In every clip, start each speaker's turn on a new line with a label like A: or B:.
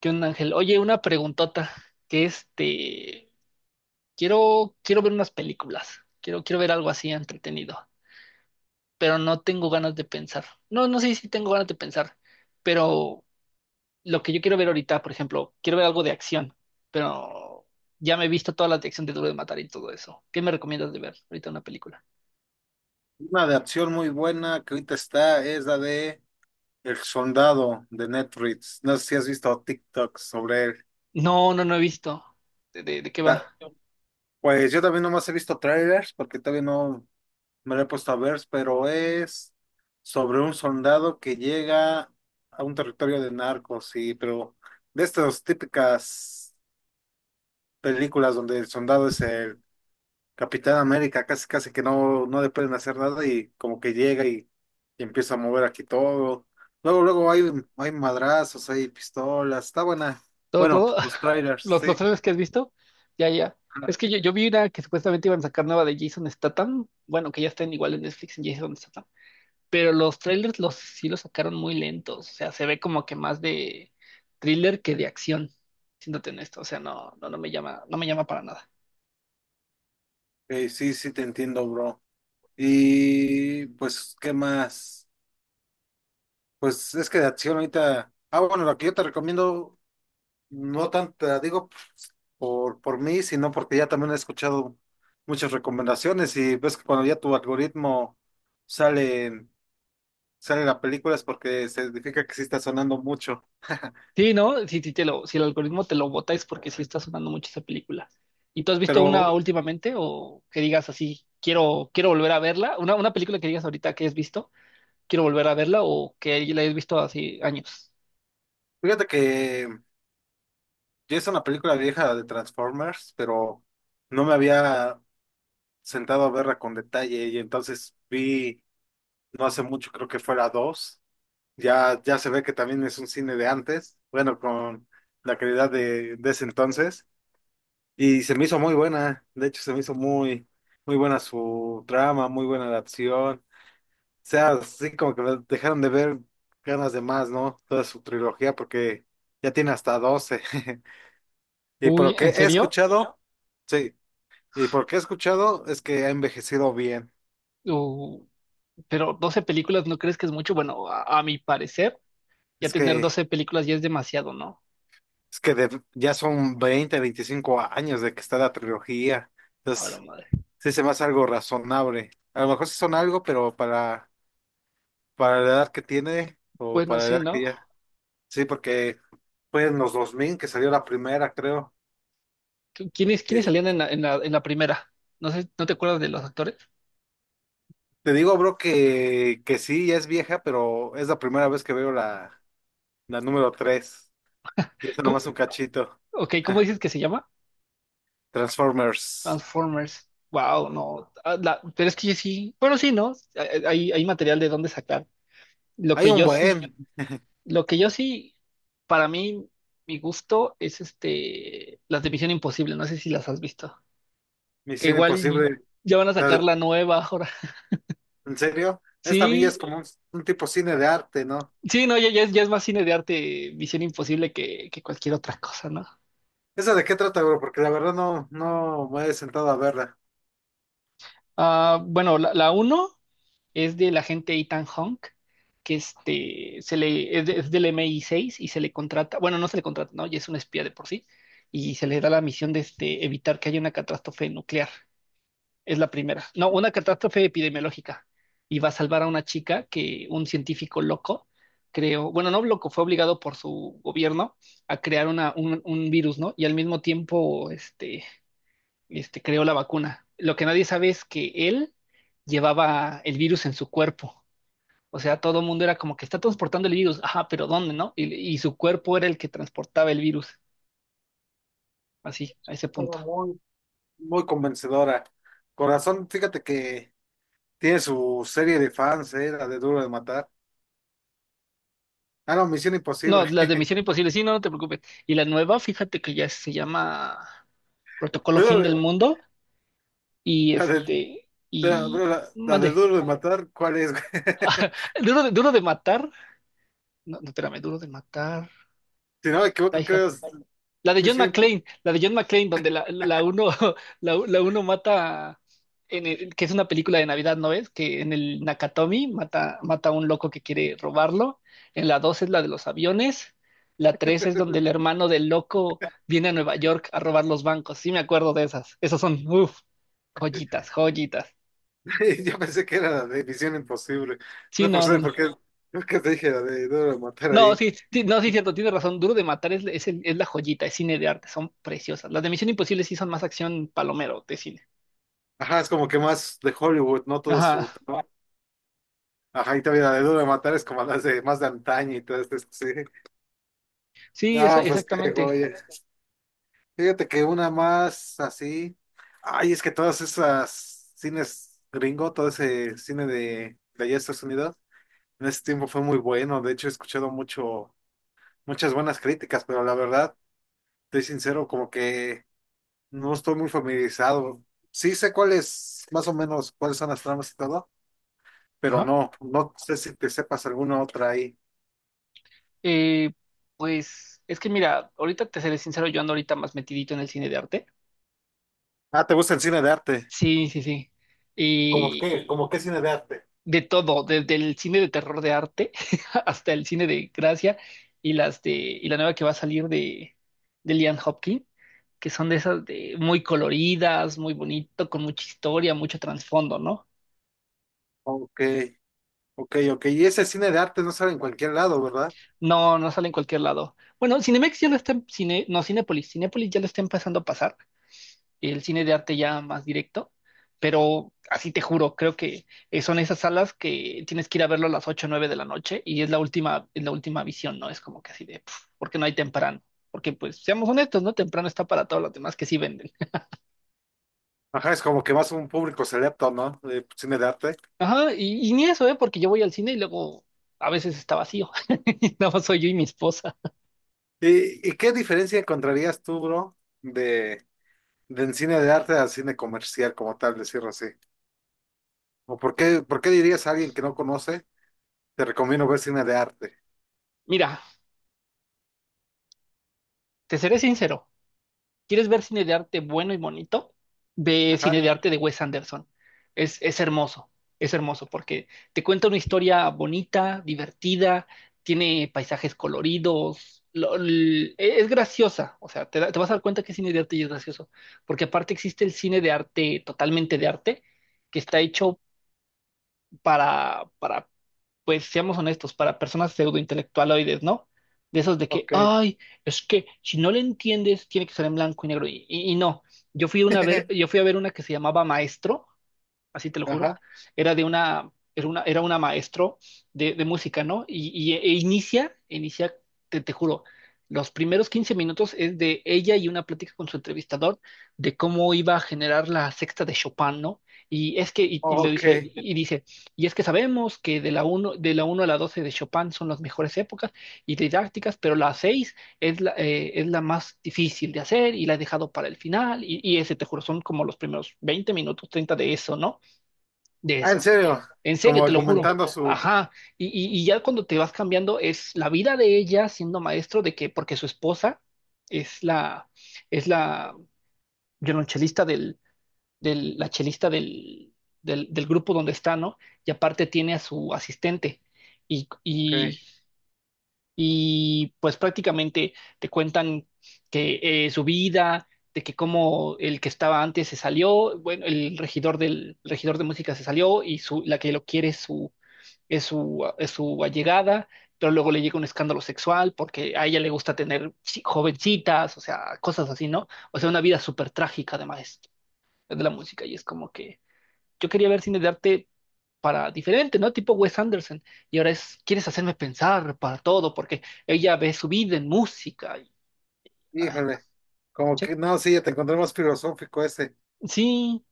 A: ¿Qué onda, Ángel? Oye, una preguntota, que quiero ver unas películas, quiero ver algo así entretenido, pero no tengo ganas de pensar. No, no sé si tengo ganas de pensar, pero lo que yo quiero ver ahorita, por ejemplo, quiero ver algo de acción, pero ya me he visto toda la de acción de Duro de Matar y todo eso. ¿Qué me recomiendas de ver ahorita una película?
B: Una de acción muy buena que ahorita está es la de El Soldado de Netflix. No sé si has visto TikTok sobre él.
A: No, no, no he visto. ¿De qué
B: Ta-
A: va?
B: Pues yo también nomás he visto trailers porque todavía no me lo he puesto a ver, pero es sobre un soldado que llega a un territorio de narcos, sí, pero de estas típicas películas donde el soldado es el Capitán América, casi casi que no, le pueden hacer nada, y como que llega y empieza a mover aquí todo. Luego hay madrazos, hay pistolas, está buena.
A: ¿Todo,
B: Bueno,
A: todo?
B: los trailers,
A: Los
B: sí.
A: trailers que has visto, ya, ya.
B: Ah,
A: Es que yo vi una que supuestamente iban a sacar nueva de Jason Statham. Bueno, que ya están igual en Netflix en Jason Statham. Pero los trailers los, sí los sacaron muy lentos. O sea, se ve como que más de thriller que de acción. Siéndote en esto. O sea, no, no, no me llama, no me llama para nada.
B: ok, sí te entiendo, bro. Y pues, ¿qué más? Pues es que de acción ahorita. Ah, bueno, lo que yo te recomiendo, no tanto te la digo por mí, sino porque ya también he escuchado muchas recomendaciones, y ves que cuando ya tu algoritmo sale. sale la película es porque se significa que sí está sonando mucho.
A: Sí, ¿no? Sí, sí te lo, si el algoritmo te lo bota es porque sí está sonando mucho esa película. ¿Y tú has visto
B: Pero
A: una últimamente? O que digas así, quiero volver a verla. Una película que digas ahorita que has visto. Quiero volver a verla o que la hayas visto hace años.
B: fíjate que ya es una película vieja de Transformers, pero no me había sentado a verla con detalle y entonces vi, no hace mucho, creo que fue la 2. Ya se ve que también es un cine de antes, bueno, con la calidad de ese entonces. Y se me hizo muy buena, de hecho se me hizo muy, muy buena su trama, muy buena la acción. Sea, sí, como que me dejaron de ver ganas de más, ¿no? Toda su trilogía porque ya tiene hasta doce. Y por
A: Uy,
B: lo que
A: ¿en
B: he
A: serio?
B: escuchado, sí, y por lo que he escuchado es que ha envejecido bien.
A: Uh, pero 12 películas, ¿no crees que es mucho? Bueno, a mi parecer, ya
B: Es
A: tener
B: que,
A: 12 películas ya es demasiado, ¿no?
B: es que ya son 20 25 años de que está la trilogía.
A: A la
B: Entonces,
A: madre.
B: sí se me hace algo razonable. A lo mejor sí son algo, pero para la edad que tiene o
A: Bueno,
B: para la
A: sí,
B: edad que
A: ¿no?
B: ya. Sí, porque fue en los 2000 que salió la primera, creo.
A: ¿Quiénes salían en la primera? No sé, ¿no te acuerdas de los actores?
B: Te digo, bro, que sí, ya es vieja, pero es la primera vez que veo la número tres. Y eso
A: ¿Cómo?
B: nomás un cachito.
A: Ok, ¿cómo dices que se llama?
B: Transformers.
A: Transformers. Wow, no. Ah, pero es que sí. Bueno, sí, ¿no? Hay material de dónde sacar. Lo
B: Hay
A: que
B: un
A: yo sí
B: buen.
A: Lo que yo sí, para mí, mi gusto es este, las de Misión Imposible, no sé si las has visto, que
B: Misión
A: igual
B: Imposible.
A: ya van a
B: La
A: sacar
B: de-
A: la nueva ahora.
B: ¿En serio? Esta villa es
A: Sí,
B: como un tipo cine de arte, ¿no?
A: sí, no, ya, ya es más cine de arte Misión Imposible que cualquier otra cosa, ¿no?
B: ¿Esa de qué trata, bro? Porque la verdad no, me he sentado a verla.
A: Ah, bueno, la uno es del agente Ethan Hawke, que se le, es, de- es del MI6 y se le contrata, bueno, no se le contrata, ¿no? Ya es un espía de por sí, y se le da la misión de evitar que haya una catástrofe nuclear. Es la primera. No, una catástrofe epidemiológica. Y va a salvar a una chica que un científico loco creó, bueno, no loco, fue obligado por su gobierno a crear un virus, ¿no? Y al mismo tiempo, creó la vacuna. Lo que nadie sabe es que él llevaba el virus en su cuerpo. O sea, todo el mundo era como que está transportando el virus. Ajá, pero ¿dónde, no? Y su cuerpo era el que transportaba el virus. Así, a ese
B: Era
A: punto.
B: muy, muy convencedora. Corazón, fíjate que tiene su serie de fans, ¿eh? La de Duro de Matar. Ah, no, Misión
A: No,
B: Imposible.
A: las de Misión Imposible, sí, no, no te preocupes. Y la nueva, fíjate que ya se llama Protocolo Fin
B: Duro
A: del
B: de-
A: Mundo y
B: La de Pero, bro, la de
A: mande.
B: Duro de Matar, ¿cuál es, güey?
A: Duro de matar. No, no, espérame, duro de matar.
B: Si no me equivoco,
A: Die Hard.
B: creo que es
A: La de John
B: Misión
A: McClane, la de John McClane, donde la uno, la uno mata, que es una película de Navidad, ¿no es? Que en el Nakatomi mata a un loco que quiere robarlo. En la dos es la de los aviones. La tres es donde el hermano del loco viene a Nueva York a robar los bancos. Sí, me acuerdo de esas. Esas son, uff, joyitas, joyitas.
B: Imposible. Yo pensé que era la de Misión Imposible.
A: Sí,
B: No por
A: no, no,
B: sé
A: no.
B: porque qué, creo que te dije la de Duro de Matar
A: No,
B: ahí.
A: sí, sí, no, sí, cierto, tienes razón. Duro de matar es la joyita, es cine de arte, son preciosas. Las de Misión Imposible sí son más acción palomero de cine.
B: Ajá, es como que más de Hollywood, no todo
A: Ajá.
B: su trabajo. Ajá, y también la de Duro de Matar es como las de más de antaño y todo esto, sí.
A: Sí, esa,
B: No, pues qué
A: exactamente.
B: joya. Fíjate que una más así. Ay, es que todas esas cines gringo, todo ese cine de allá de Estados Unidos. En ese tiempo fue muy bueno, de hecho he escuchado mucho, muchas buenas críticas, pero la verdad, estoy sincero, como que no estoy muy familiarizado. Sí sé cuáles, más o menos, cuáles son las tramas y todo, pero
A: Ajá.
B: no, sé si te sepas alguna otra ahí.
A: Eh, pues es que mira, ahorita te seré sincero, yo ando ahorita más metidito en el cine de arte.
B: Ah, ¿te gusta el cine de arte?
A: Sí, sí, sí.
B: ¿Cómo
A: Y
B: qué? ¿Cómo qué cine de arte?
A: de todo, desde el cine de terror de arte hasta el cine de gracia y y la nueva que va a salir de Liam Hopkins, que son de esas de muy coloridas, muy bonito, con mucha historia, mucho trasfondo, ¿no?
B: Ok, ok, ok. Y ese cine de arte no sale en cualquier lado, ¿verdad?
A: No, no sale en cualquier lado. Bueno, Cinemex ya lo está en cine, no, Cinépolis ya lo está empezando a pasar el cine de arte ya más directo, pero así te juro, creo que son esas salas que tienes que ir a verlo a las 8 o 9 de la noche y es la última visión, ¿no? Es como que así de, porque no hay temprano, porque pues seamos honestos, ¿no? Temprano está para todos los demás que sí venden.
B: Ajá, es como que más un público selecto, ¿no? De cine de arte.
A: Ajá, y ni eso, ¿eh? Porque yo voy al cine y luego a veces está vacío, nada más soy yo y mi esposa.
B: ¿Y, qué diferencia encontrarías tú, bro? De Del cine de arte al cine comercial, como tal, decirlo así. ¿O por qué dirías a alguien que no conoce, te recomiendo ver cine de arte?
A: Mira, te seré sincero. ¿Quieres ver cine de arte bueno y bonito? Ve
B: Ajá,
A: cine de
B: sí.
A: arte de Wes Anderson. Es hermoso, es hermoso porque te cuenta una historia bonita, divertida, tiene paisajes coloridos, es graciosa, o sea, te vas a dar cuenta que es cine de arte y es gracioso, porque aparte existe el cine de arte, totalmente de arte, que está hecho para pues seamos honestos, para personas pseudointelectualoides, ¿no? De esos de que,
B: Ok.
A: ay, es que si no le entiendes, tiene que ser en blanco y negro. Y no, yo fui a ver una que se llamaba Maestro, así te lo juro,
B: Ajá,
A: era de una, era una, era una maestro de música, ¿no? Inicia, te juro, los primeros 15 minutos es de ella y una plática con su entrevistador de cómo iba a generar la sexta de Chopin, ¿no? Y es que, y lo dice,
B: ok.
A: y dice, y es que sabemos que de la uno a la 12 de Chopin son las mejores épocas y didácticas, pero la 6 es la más difícil de hacer y la he dejado para el final. Y ese, te juro, son como los primeros 20 minutos, 30 de eso, ¿no? De
B: Ah, en
A: eso.
B: serio,
A: En
B: como
A: serio, te lo juro.
B: argumentando su...
A: Ajá. Y ya cuando te vas cambiando, es la vida de ella siendo maestro de que, porque su esposa es la, es la violonchelista la chelista del grupo donde está, ¿no? Y aparte tiene a su asistente. Y,
B: Ok,
A: y, y pues prácticamente te cuentan que su vida, de que como el que estaba antes se salió, bueno, el regidor de música se salió y la que lo quiere es su allegada, pero luego le llega un escándalo sexual porque a ella le gusta tener jovencitas, o sea, cosas así, ¿no? O sea, una vida súper trágica además de la música y es como que yo quería ver cine de arte para diferente, ¿no? Tipo Wes Anderson y ahora es, quieres hacerme pensar para todo porque ella ve su vida en música y, ay, no,
B: híjole. Como
A: sí,
B: que, no, sí, ya te encontré más filosófico ese.
A: sí,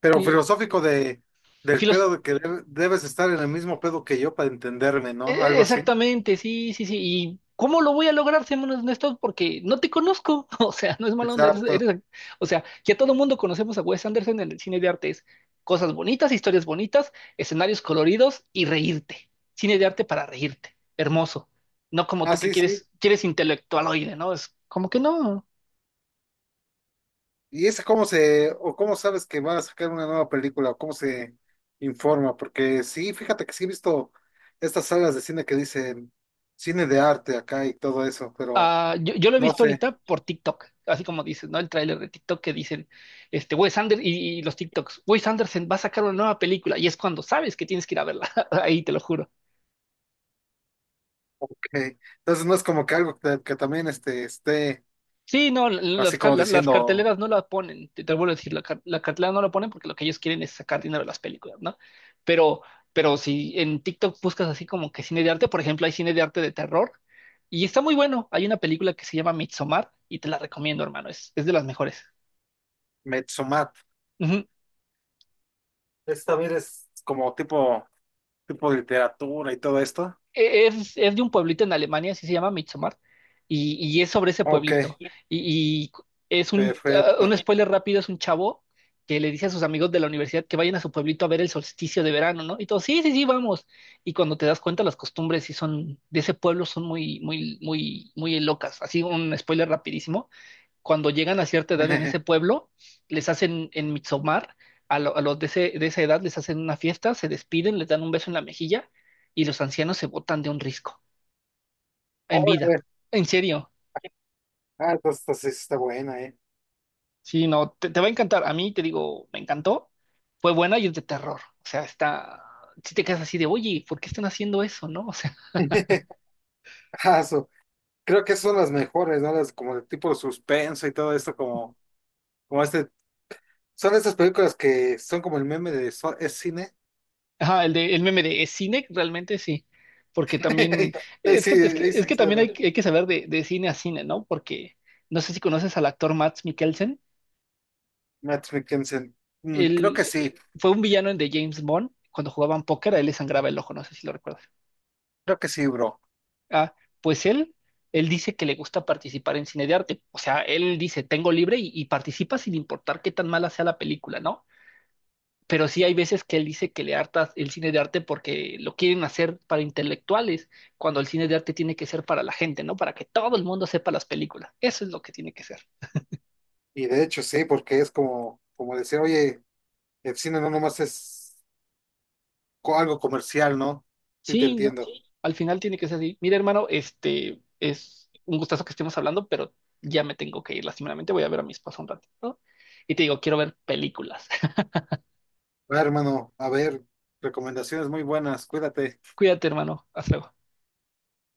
B: Pero
A: y
B: filosófico de, del
A: filos-
B: pedo de que debes estar en el mismo pedo que yo para entenderme, ¿no? Algo así.
A: Exactamente, sí, sí, sí. ¿Y cómo lo voy a lograr, seamos honestos? Porque no te conozco. O sea, no es mala onda.
B: Exacto.
A: O sea, ya todo el mundo conocemos a Wes Anderson en el cine de arte. Es cosas bonitas, historias bonitas, escenarios coloridos y reírte. Cine de arte para reírte. Hermoso. No como
B: Ah,
A: tú que
B: sí, sí.
A: quieres intelectualoide, ¿no? Es como que no.
B: ¿Y esa cómo se, o cómo sabes que va a sacar una nueva película, o cómo se informa? Porque sí, fíjate que sí he visto estas salas de cine que dicen cine de arte acá y todo eso, pero
A: Ah, yo lo he
B: no
A: visto
B: sé.
A: ahorita por TikTok, así como dices, ¿no? El tráiler de TikTok que dicen, Wes Anderson y los TikToks, Wes Anderson va a sacar una nueva película y es cuando sabes que tienes que ir a verla, ahí te lo juro.
B: Ok. Entonces no es como que algo que también este, esté
A: Sí, no, l- las,
B: así
A: ca-
B: como
A: la- las
B: diciendo
A: carteleras no la ponen, te vuelvo a decir, la cartelera no la ponen porque lo que ellos quieren es sacar dinero de las películas, ¿no? Pero, pero si en TikTok buscas así como que cine de arte, por ejemplo, hay cine de arte de terror y está muy bueno. Hay una película que se llama Midsommar y te la recomiendo, hermano, es de las mejores.
B: Metsumat. Es también es como tipo, tipo de literatura y todo esto.
A: Es de un pueblito en Alemania, así se llama Midsommar, y, es sobre ese
B: Ok,
A: pueblito. Y, y es un, ah,
B: perfecto.
A: un spoiler rápido, es un chavo que le dice a sus amigos de la universidad que vayan a su pueblito a ver el solsticio de verano, ¿no? Y todos, sí, sí, sí, vamos. Y cuando te das cuenta, las costumbres sí de ese pueblo son muy, muy, muy, muy locas. Así un spoiler rapidísimo cuando llegan a cierta edad en ese pueblo, les hacen en Midsommar, a, lo- a los de, ese- de esa edad les hacen una fiesta, se despiden, les dan un beso en la mejilla y los ancianos se botan de un risco, en vida.
B: Órale.
A: En serio.
B: Ah, entonces sí está buena, ¿eh?
A: Sí, no, te va a encantar. A mí, te digo, me encantó. Fue buena y es de terror. O sea, está. Si te quedas así de, oye, ¿por qué están haciendo eso, no? O sea,
B: Ah, su- Creo que son las mejores, ¿no? Las como de tipo suspenso y todo esto, como, como este. Son estas películas que son como el meme de Es cine."
A: ajá, el meme de ¿es cine? Realmente sí. Porque también,
B: Ahí
A: es
B: sí,
A: que, es que,
B: ahí
A: es
B: sí,
A: que
B: sí,
A: también
B: ¿verdad?
A: hay que saber de cine a cine, ¿no? Porque no sé si conoces al actor Mads Mikkelsen.
B: Matt Mikkelsen. Mm,
A: Él fue un villano en The James Bond. Cuando jugaban póker, a él le sangraba el ojo, no sé si lo recuerdas.
B: creo que sí, bro.
A: Ah, pues él dice que le gusta participar en cine de arte. O sea, él dice, tengo libre y, participa sin importar qué tan mala sea la película, ¿no? Pero sí hay veces que él dice que le harta el cine de arte porque lo quieren hacer para intelectuales, cuando el cine de arte tiene que ser para la gente, ¿no? Para que todo el mundo sepa las películas. Eso es lo que tiene que ser.
B: Y de hecho sí, porque es como, como decir, oye, el cine no nomás es algo comercial, ¿no? Sí, te
A: Sí, ¿no?
B: entiendo.
A: Al final tiene que ser así. Mira, hermano, este es un gustazo que estemos hablando, pero ya me tengo que ir, lastimeramente. Voy a ver a mi esposa un ratito, ¿no? Y te digo, quiero ver películas.
B: Va, hermano, a ver, recomendaciones muy buenas, cuídate.
A: Cuídate, hermano. Hasta luego.